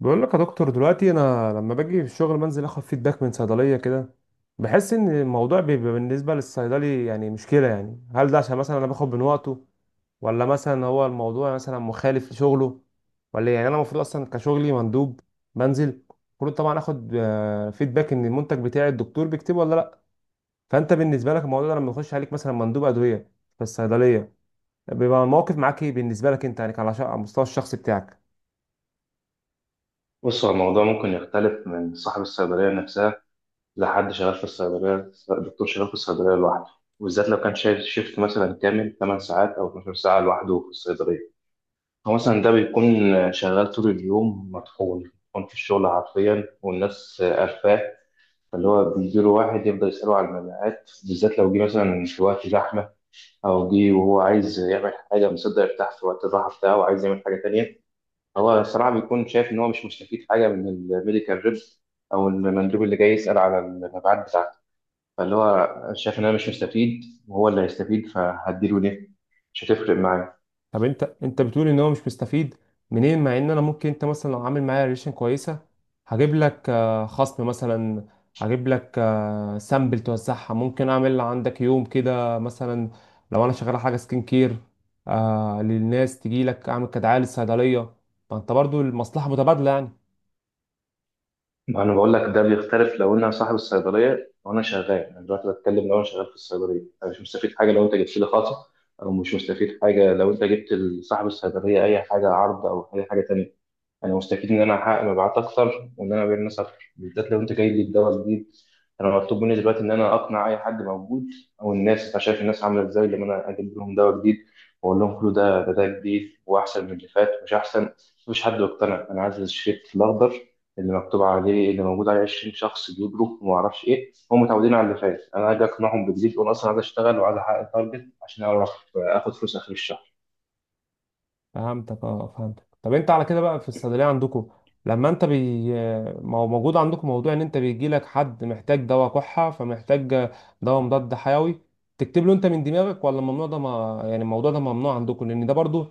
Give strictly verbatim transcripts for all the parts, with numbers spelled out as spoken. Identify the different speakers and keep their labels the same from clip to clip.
Speaker 1: بقول لك يا دكتور، دلوقتي انا لما باجي في الشغل بنزل اخد فيدباك من صيدليه كده. بحس ان الموضوع بيبقى بالنسبه للصيدلي يعني مشكله. يعني هل ده عشان مثلا انا باخد من وقته، ولا مثلا هو الموضوع مثلا مخالف لشغله، ولا إيه؟ يعني انا المفروض اصلا كشغلي مندوب بنزل، المفروض طبعا اخد آه، فيدباك ان المنتج بتاعي الدكتور بيكتبه ولا لا. فانت بالنسبه لك الموضوع ده لما يخش عليك مثلا مندوب ادويه في الصيدليه، بيبقى الموقف معاك ايه؟ بالنسبه لك انت يعني، على على المستوى الشخصي بتاعك.
Speaker 2: بص هو الموضوع ممكن يختلف من صاحب الصيدلية نفسها، لحد شغال في الصيدلية، دكتور شغال في الصيدلية لوحده، وبالذات لو كان شايف شيفت مثلا كامل 8 ساعات أو 12 ساعة لوحده في الصيدلية. هو مثلا ده بيكون شغال طول اليوم، مطحون مطحون في الشغل حرفيا والناس قرفاه. فاللي هو بيجيله واحد يفضل يسأله على المبيعات، بالذات لو جه مثلا في وقت زحمة أو جه وهو عايز يعمل حاجة مصدق يرتاح في وقت الراحة بتاعه وعايز يعمل حاجة تانية. هو الصراحة بيكون شايف إن هو مش مستفيد حاجة من الميديكال ريب أو المندوب اللي جاي يسأل على المبيعات بتاعته. فاللي هو شايف إن أنا مش مستفيد وهو اللي هيستفيد، فهديله ليه؟ مش هتفرق معايا.
Speaker 1: طب انت انت بتقول ان هو مش مستفيد منين، مع ان انا ممكن، انت مثلا لو عامل معايا ريليشن كويسه هجيب لك آه، خصم مثلا، هجيب لك سامبل توزعها، ممكن اعمل عندك يوم كده مثلا لو انا شغال حاجه سكين كير، آه، للناس تجي لك، اعمل كدعايه للصيدليه. ما انت برضو المصلحه متبادله يعني.
Speaker 2: ما أنا بقول لك ده بيختلف لو أنا صاحب الصيدلية أو أنا شغال. أنا دلوقتي بتكلم لو أنا شغال في الصيدلية. أنا مش مستفيد حاجة لو أنت جبت لي خاصة، أو مش مستفيد حاجة لو أنت جبت لصاحب الصيدلية أي حاجة عرض أو أي حاجة تانية. انا مستفيد ان انا احقق مبيعات اكتر وان انا ابيع للناس اكتر، بالذات لو انت جاي لي بدواء جديد. انا مطلوب مني دلوقتي ان انا اقنع اي حد موجود، او الناس. انت شايف الناس عامله ازاي لما انا اجيب لهم دواء جديد واقول لهم كله ده ده ده جديد واحسن من اللي فات؟ مش احسن، مفيش حد يقتنع. انا عايز الشريط الاخضر اللي مكتوب عليه، اللي موجود عليه 20 شخص بيجروا وما اعرفش ايه. هم متعودين على اللي فات، انا اجي اقنعهم بجديد؟ وانا اصلا عايز اشتغل وعايز احقق تارجت عشان اعرف آه، اخد فلوس اخر الشهر.
Speaker 1: فهمتك، اه فهمتك. طب انت على كده بقى، في الصيدليه عندكم لما انت بي ما هو موجود عندكم موضوع ان انت بيجي لك حد محتاج دواء كحه، فمحتاج دواء مضاد حيوي، تكتب له انت من دماغك؟ ولا الممنوع ده، ما يعني الموضوع ده ممنوع عندكم؟ لان ده برضو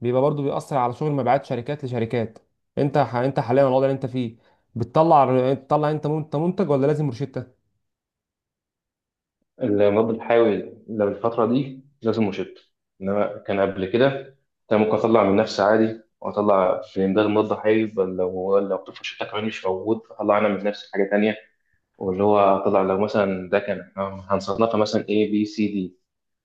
Speaker 1: بيبقى برضو بيأثر على شغل مبيعات شركات لشركات. انت ح... انت حاليا الوضع اللي انت فيه، بتطلع تطلع انت منتج منتج، ولا لازم روشته؟
Speaker 2: المضاد الحيوي لو الفترة دي لازم مشط، إنما كان قبل كده كان ممكن أطلع من نفسي عادي وأطلع في إمداد مضاد حيوي. بل لو لو طفل شتا كمان مش موجود أطلع أنا من نفسي حاجة تانية، واللي هو أطلع لو مثلا ده كان آه، هنصنفها مثلا A B C D،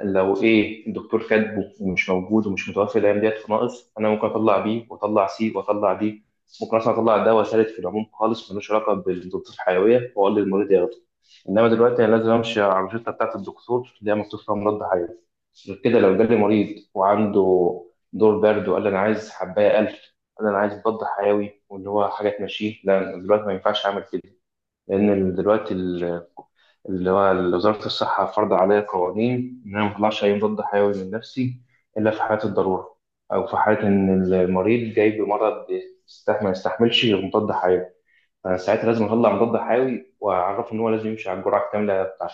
Speaker 2: لو ايه الدكتور كاتبه ومش موجود ومش متوفر الايام ديت فناقص، انا ممكن اطلع بيه واطلع سي واطلع دي. ممكن اصلا اطلع دواء ثالث في العموم خالص ملوش علاقه بالضغوط الحيويه واقول للمريض ياخده. انما دلوقتي انا لازم امشي على الروشته بتاعه الدكتور اللي هي مكتوب فيها مضاد حيوي. غير كده، لو جالي مريض وعنده دور برد وقال لي انا عايز حبايه ألف، قال لي انا عايز مضاد حيوي واللي هو حاجه تمشيه، لا، دلوقتي ما ينفعش اعمل كده. لأن ال- دلوقتي ال- اللي هو ال- وزارة الصحة فرض عليا قوانين إن أنا ما أطلعش أي مضاد حيوي من نفسي إلا في حالة الضرورة، أو في حالة إن المريض جاي بمرض يستح- ما يستحملش غير مضاد حيوي. فأنا ساعتها لازم أطلع مضاد حيوي وأعرفه إن هو لازم يمشي على الجرعة الكاملة بتاعته.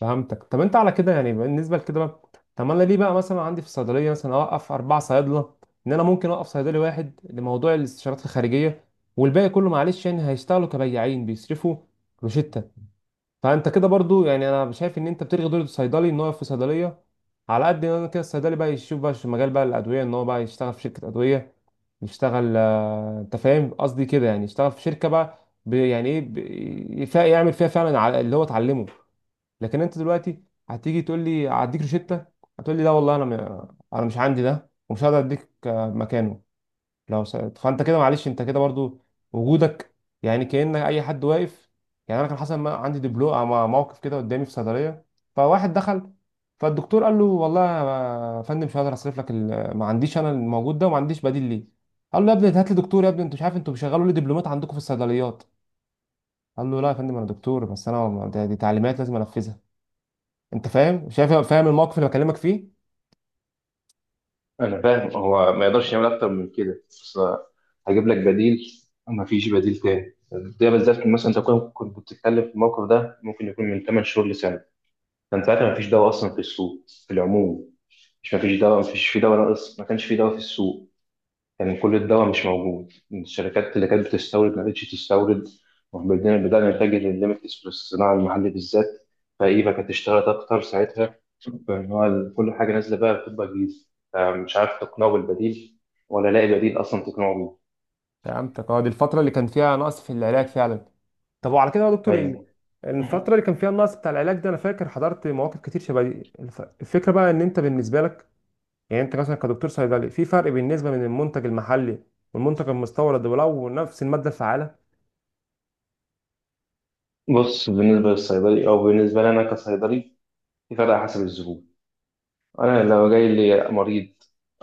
Speaker 1: فهمتك. طب انت على كده يعني، بالنسبه لكده بقى، طب انا ليه بقى مثلا عندي في الصيدليه مثلا اوقف اربع صيادله؟ ان انا ممكن اوقف صيدلي واحد لموضوع الاستشارات الخارجيه، والباقي كله معلش يعني هيشتغلوا كبياعين بيصرفوا روشتة. فانت كده برضو يعني انا شايف ان انت بتلغي دور الصيدلي ان هو يقف في صيدليه، على قد ان انا كده الصيدلي بقى يشوف بقى في مجال بقى الادويه، ان هو بقى يشتغل في شركه ادويه، يشتغل، آه، انت فاهم قصدي كده، يعني يشتغل في شركه بقى، ب- يعني ايه، ب- يف- يعمل فيها فعلا على اللي هو اتعلمه. لكن انت دلوقتي هتيجي تقول لي هديك روشته، هتقول لي لا والله، انا م... انا مش عندي ده ومش هقدر اديك آه، مكانه. لو س... فانت كده معلش، انت كده برضو وجودك يعني كأن اي حد واقف. يعني انا كان حصل، ما عندي دبلو آه، مع- موقف كده قدامي في صيدليه، فواحد دخل، فالدكتور قال له: والله يا فندم مش هقدر اصرف لك ال... ما عنديش انا الموجود ده، وما عنديش بديل ليه. قال له: يا ابني هات لي دكتور، يا ابني انتوا مش عارف انتوا بيشغلوا لي دبلومات عندكم في الصيدليات. قال له: لا يا فندم انا دكتور، بس انا ما- ده- دي تعليمات لازم انفذها. انت فاهم؟ شايف؟ فاهم الموقف اللي بكلمك فيه؟
Speaker 2: أنا فاهم، هو ما يقدرش يعمل أكتر من كده، بس هجيب لك بديل. ما فيش بديل تاني. ده بالذات مثلا انت كنت كنت بتتكلم في الموقف ده، ممكن يكون من 8 شهور لسنه، كان ساعتها ما فيش دواء اصلا في السوق في العموم. مش مفيش دواء، مفيش في دواء ناقص، ما كانش في دواء في السوق. كان كل الدواء مش موجود، الشركات اللي كانت بتستورد ما بقتش تستورد. وبدأنا بدأنا نتجه للليميتلس، للصناعة المحلية بالذات. فإيفا كانت اشتغلت أكتر ساعتها، فإن هو كل حاجة نازلة بقى بتبقى جديدة. مش عارف تقنعه بالبديل ولا لاقي بديل أصلا تقنعه بيه.
Speaker 1: فهمتك، اه. دي الفتره اللي كان فيها نقص في العلاج فعلا. طب وعلى كده يا دكتور، ال-
Speaker 2: أيوه.
Speaker 1: الفتره اللي كان فيها النقص بتاع العلاج ده، انا فاكر حضرت مواقف كتير شبه دي. الف- الفكره بقى ان انت بالنسبه لك يعني، انت مثلا كدكتور صيدلي، في فرق بالنسبه من المنتج المحلي والمنتج المستورد ولو نفس الماده الفعاله؟
Speaker 2: بص، بالنسبة للصيدلي أو بالنسبة لنا كصيدلي، في فرق حسب الزبون. أنا لو جاي لي مريض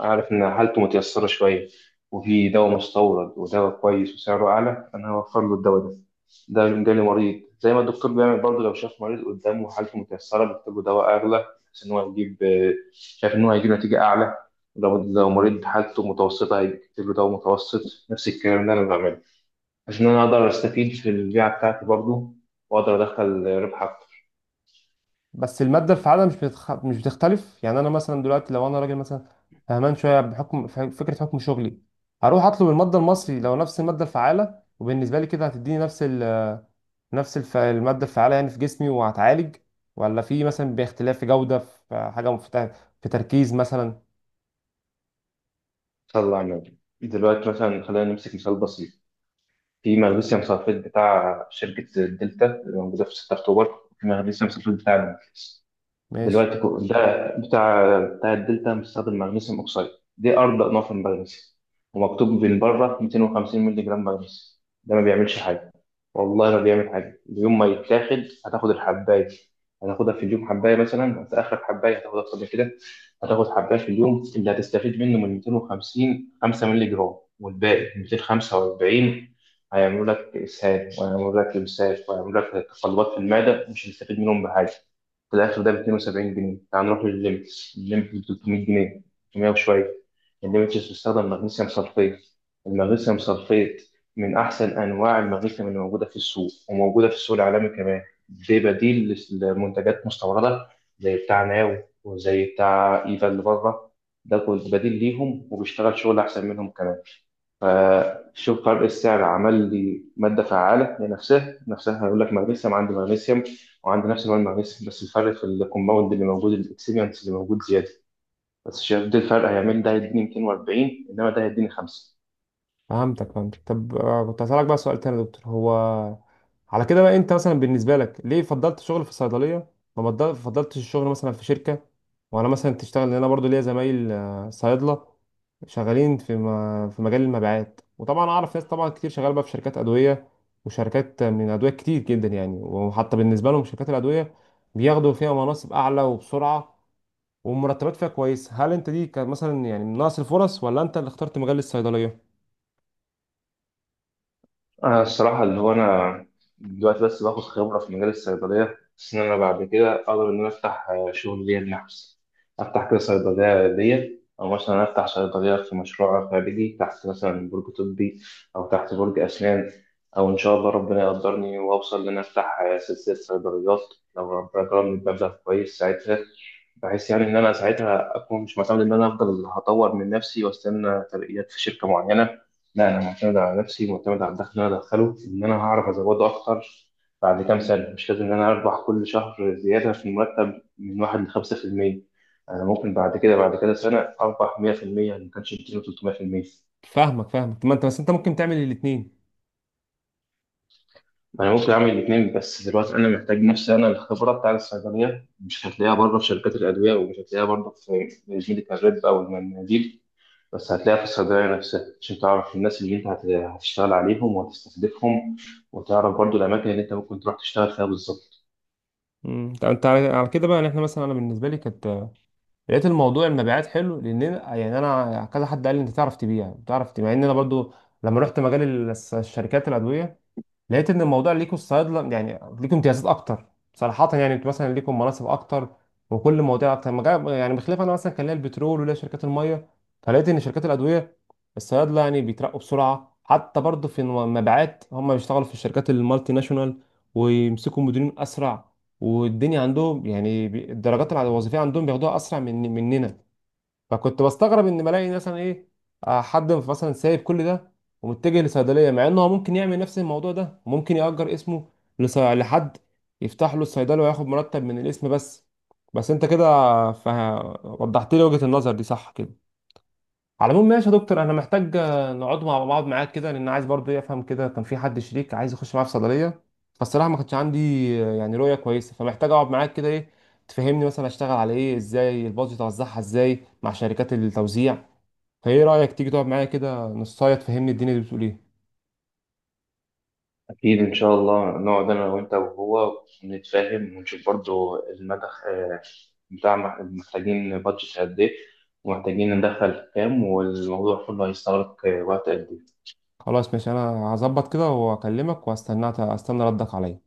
Speaker 2: أعرف إن حالته متيسرة شوية، وفي دواء مستورد ودواء كويس وسعره أعلى، أنا هوفر له الدواء ده. ده لو جالي مريض زي ما الدكتور بيعمل برضه، لو شاف مريض قدامه حالته متيسرة بيكتب له دواء أغلى، بحيث إن هو يجيب آه، شايف إن هو هيجيب نتيجة أعلى. لو لو مريض حالته متوسطة هيكتب له دواء متوسط. نفس الكلام ده أنا بعمله، عشان أنا أقدر أستفيد في البيعة بتاعتي برضه وأقدر أدخل ربح أكتر.
Speaker 1: بس المادة الفعالة مش بتخ... مش بتختلف يعني. أنا مثلا دلوقتي لو أنا راجل مثلا فهمان شوية، بحكم ف- فكرة حكم شغلي، هروح أطلب المادة المصري لو نفس المادة الفعالة، وبالنسبة لي كده هتديني نفس ال... نفس الف... المادة الفعالة يعني في جسمي وهتعالج، ولا في مثلا باختلاف في جودة، في حاجة مفتاح، في تركيز مثلا؟
Speaker 2: طلع منه. دلوقتي مثلا خلينا نمسك مثال بسيط، في مغنيسيوم سلفيت بتاع شركة الدلتا اللي موجودة في 6 أكتوبر، في مغنيسيوم سلفيت بتاع،
Speaker 1: ماشي.
Speaker 2: دلوقتي كو- ده بتاع بتاع الدلتا مستخدم مغنيسيوم اوكسيد. دي ارض انواع في المغنيسيوم، ومكتوب من بره ميتين وخمسين مللي جرام مغنيسيوم. ده ما بيعملش حاجه، والله ما بيعمل حاجه. يوم ما يتاخد هتاخد الحبايه، هتاخدها في اليوم حبايه. مثلا انت اخر حبايه هتاخدها قبل كده، هتاخد حبايه في اليوم اللي هتستفيد منه من ميتين وخمسين، خمسة مللي جرام، والباقي ميتين وخمسة وأربعين هيعملوا لك اسهال وهيعملوا لك امساك وهيعملوا لك تقلبات في المعده، مش هتستفيد منهم بحاجه. في الاخر ده ب اتنين وسبعين جنيه. تعال نروح للليميتس، الليميتس ب ثلاثمية جنيه، تلتمية وشويه. الليميتس بيستخدم مغنيسيوم صلفيت. المغنيسيوم صلفيت من احسن انواع المغنيسيوم اللي موجوده في السوق، وموجوده في السوق العالمي كمان. دي بديل لمنتجات مستورده، زي بتاع ناو وزي بتاع ايفا اللي بره. ده كل- بديل ليهم وبيشتغل شغل احسن منهم كمان. فشوف فرق السعر، عمل لي مادة فعالة لنفسها نفسها، هيقول لك مغنيسيوم عندي مغنيسيوم، وعندي نفس نوع المغنيسيوم، بس الفرق في الكومباوند اللي موجود، الاكسبيرينس اللي موجود زيادة. بس شايف ده الفرق هيعمل، ده هيديني ميتين وأربعين، انما ده هيديني خمسة.
Speaker 1: فهمتك، فهمتك. طب آه، كنت هسألك بقى سؤال تاني يا دكتور، هو على كده بقى انت مثلا بالنسبة لك ليه فضلت شغل في الصيدلية؟ ما بدل- فضلتش الشغل مثلا في شركة، وانا مثلا تشتغل، لان انا برضو ليا زمايل آه، صيادلة شغالين في م- في مجال المبيعات، وطبعا اعرف ناس طبعا كتير شغاله بقى في شركات ادوية، وشركات من ادوية كتير جدا يعني. وحتى بالنسبة لهم شركات الادوية بياخدوا فيها مناصب اعلى وبسرعة، والمرتبات فيها كويس. هل انت دي كان مثلا يعني من نقص الفرص، ولا انت اللي اخترت مجال الصيدلية؟
Speaker 2: أنا الصراحة اللي هو أنا دلوقتي بس باخد خبرة في مجال الصيدلية، بس إن أنا بعد كده أقدر إن أنا أفتح آه، شغل ليا لنفسي. أفتح كده صيدلية ليا، أو مثلا أفتح صيدلية في مشروع خارجي تحت مثلا برج طبي أو تحت برج أسنان، أو إن شاء الله ربنا يقدرني وأوصل إن أنا أفتح آه، سلسلة صيدليات لو ربنا كرمني بمبلغ كويس ساعتها، بحيث يعني إن أنا ساعتها أكون مش معتمد إن أنا أفضل هطور من نفسي وأستنى ترقيات في شركة معينة، لا أنا معتمد على نفسي، معتمد على الدخل اللي أنا أدخله، إن أنا هعرف أزوده أكتر. بعد كام سنة، مش لازم إن أنا أربح كل شهر زيادة في المرتب من واحد لخمسة في المية، أنا ممكن بعد كده بعد كده سنة أربح مئة في المئة، ما كانش مئتين و300%.
Speaker 1: فاهمك، فاهمك. ما انت بس انت ممكن تعمل الاثنين.
Speaker 2: أنا ممكن أعمل الاتنين، بس دلوقتي أنا محتاج نفسي أنا الخبرة بتاع الصيدلية، مش هتلاقيها بره في شركات الأدوية، ومش هتلاقيها برضه في مدينة الرب أو المناديل. بس هتلاقيها في الصيدلية نفسها، عشان تعرف الناس اللي انت هت- هتشتغل عليهم وهتستهدفهم، وتعرف برضو الأماكن اللي انت ممكن تروح تشتغل فيها بالظبط.
Speaker 1: طب انت على على كده بقى يعني، احنا مثلا انا بالنسبه لي كانت، لقيت الموضوع المبيعات حلو، لان انا- يعني انا كذا حد قال لي انت تعرف تبيع، بتعرف تبيع. مع ان انا برضو لما رحت مجال ال- الشركات الادويه، لقيت ان الموضوع ليكوا الصيادله يعني ليكوا امتيازات اكتر صراحه. يعني انتوا مثلا ليكوا مناصب اكتر، وكل مواضيع اكتر، مجا- يعني بخلاف انا مثلا كان ليا البترول وليا شركات الميه، فلقيت ان شركات الادويه الصيادله يعني بيترقوا بسرعه، حتى برضه في المبيعات هم بيشتغلوا في الشركات المالتي ناشونال، ويمسكوا مديرين اسرع، والدنيا عندهم يعني بي- الدرجات الع- الوظيفيه عندهم بياخدوها اسرع من مننا. فكنت بستغرب ان بلاقي مثلا ايه، آه، حد مثلا سايب كل ده ومتجه لصيدليه، مع انه هو ممكن يعمل نفس الموضوع ده وممكن يأجر اسمه لص- لحد يفتح له الصيدليه وياخد مرتب من الاسم بس. بس انت كده فه- وضحت لي وجهة النظر دي، صح كده. على العموم ماشي يا دكتور، انا محتاج آه، نقعد مع بعض معاك كده، لان عايز برضه إيه افهم كده. كان في حد شريك عايز يخش معايا في صيدليه، فالصراحه ما كانش عندي آه، يعني رؤيه كويسه، فمحتاج اقعد معاك كده ايه، تفهمني مثلا اشتغل على ايه، ازاي البادجت اوزعها، ازاي مع شركات التوزيع. فايه رايك تيجي تقعد معايا كده نصايه تفهمني الدنيا دي بتقول ايه؟
Speaker 2: أكيد إن شاء الله نقعد أنا وأنت وهو ونتفاهم، ونشوف برضو المدى آه، بتاع مح- محتاجين بادجت قد إيه، ومحتاجين ندخل كام، والموضوع كله هيستغرق آه، وقت قد إيه
Speaker 1: خلاص ماشي، انا هظبط كده واكلمك واستنى، استنى ردك عليا.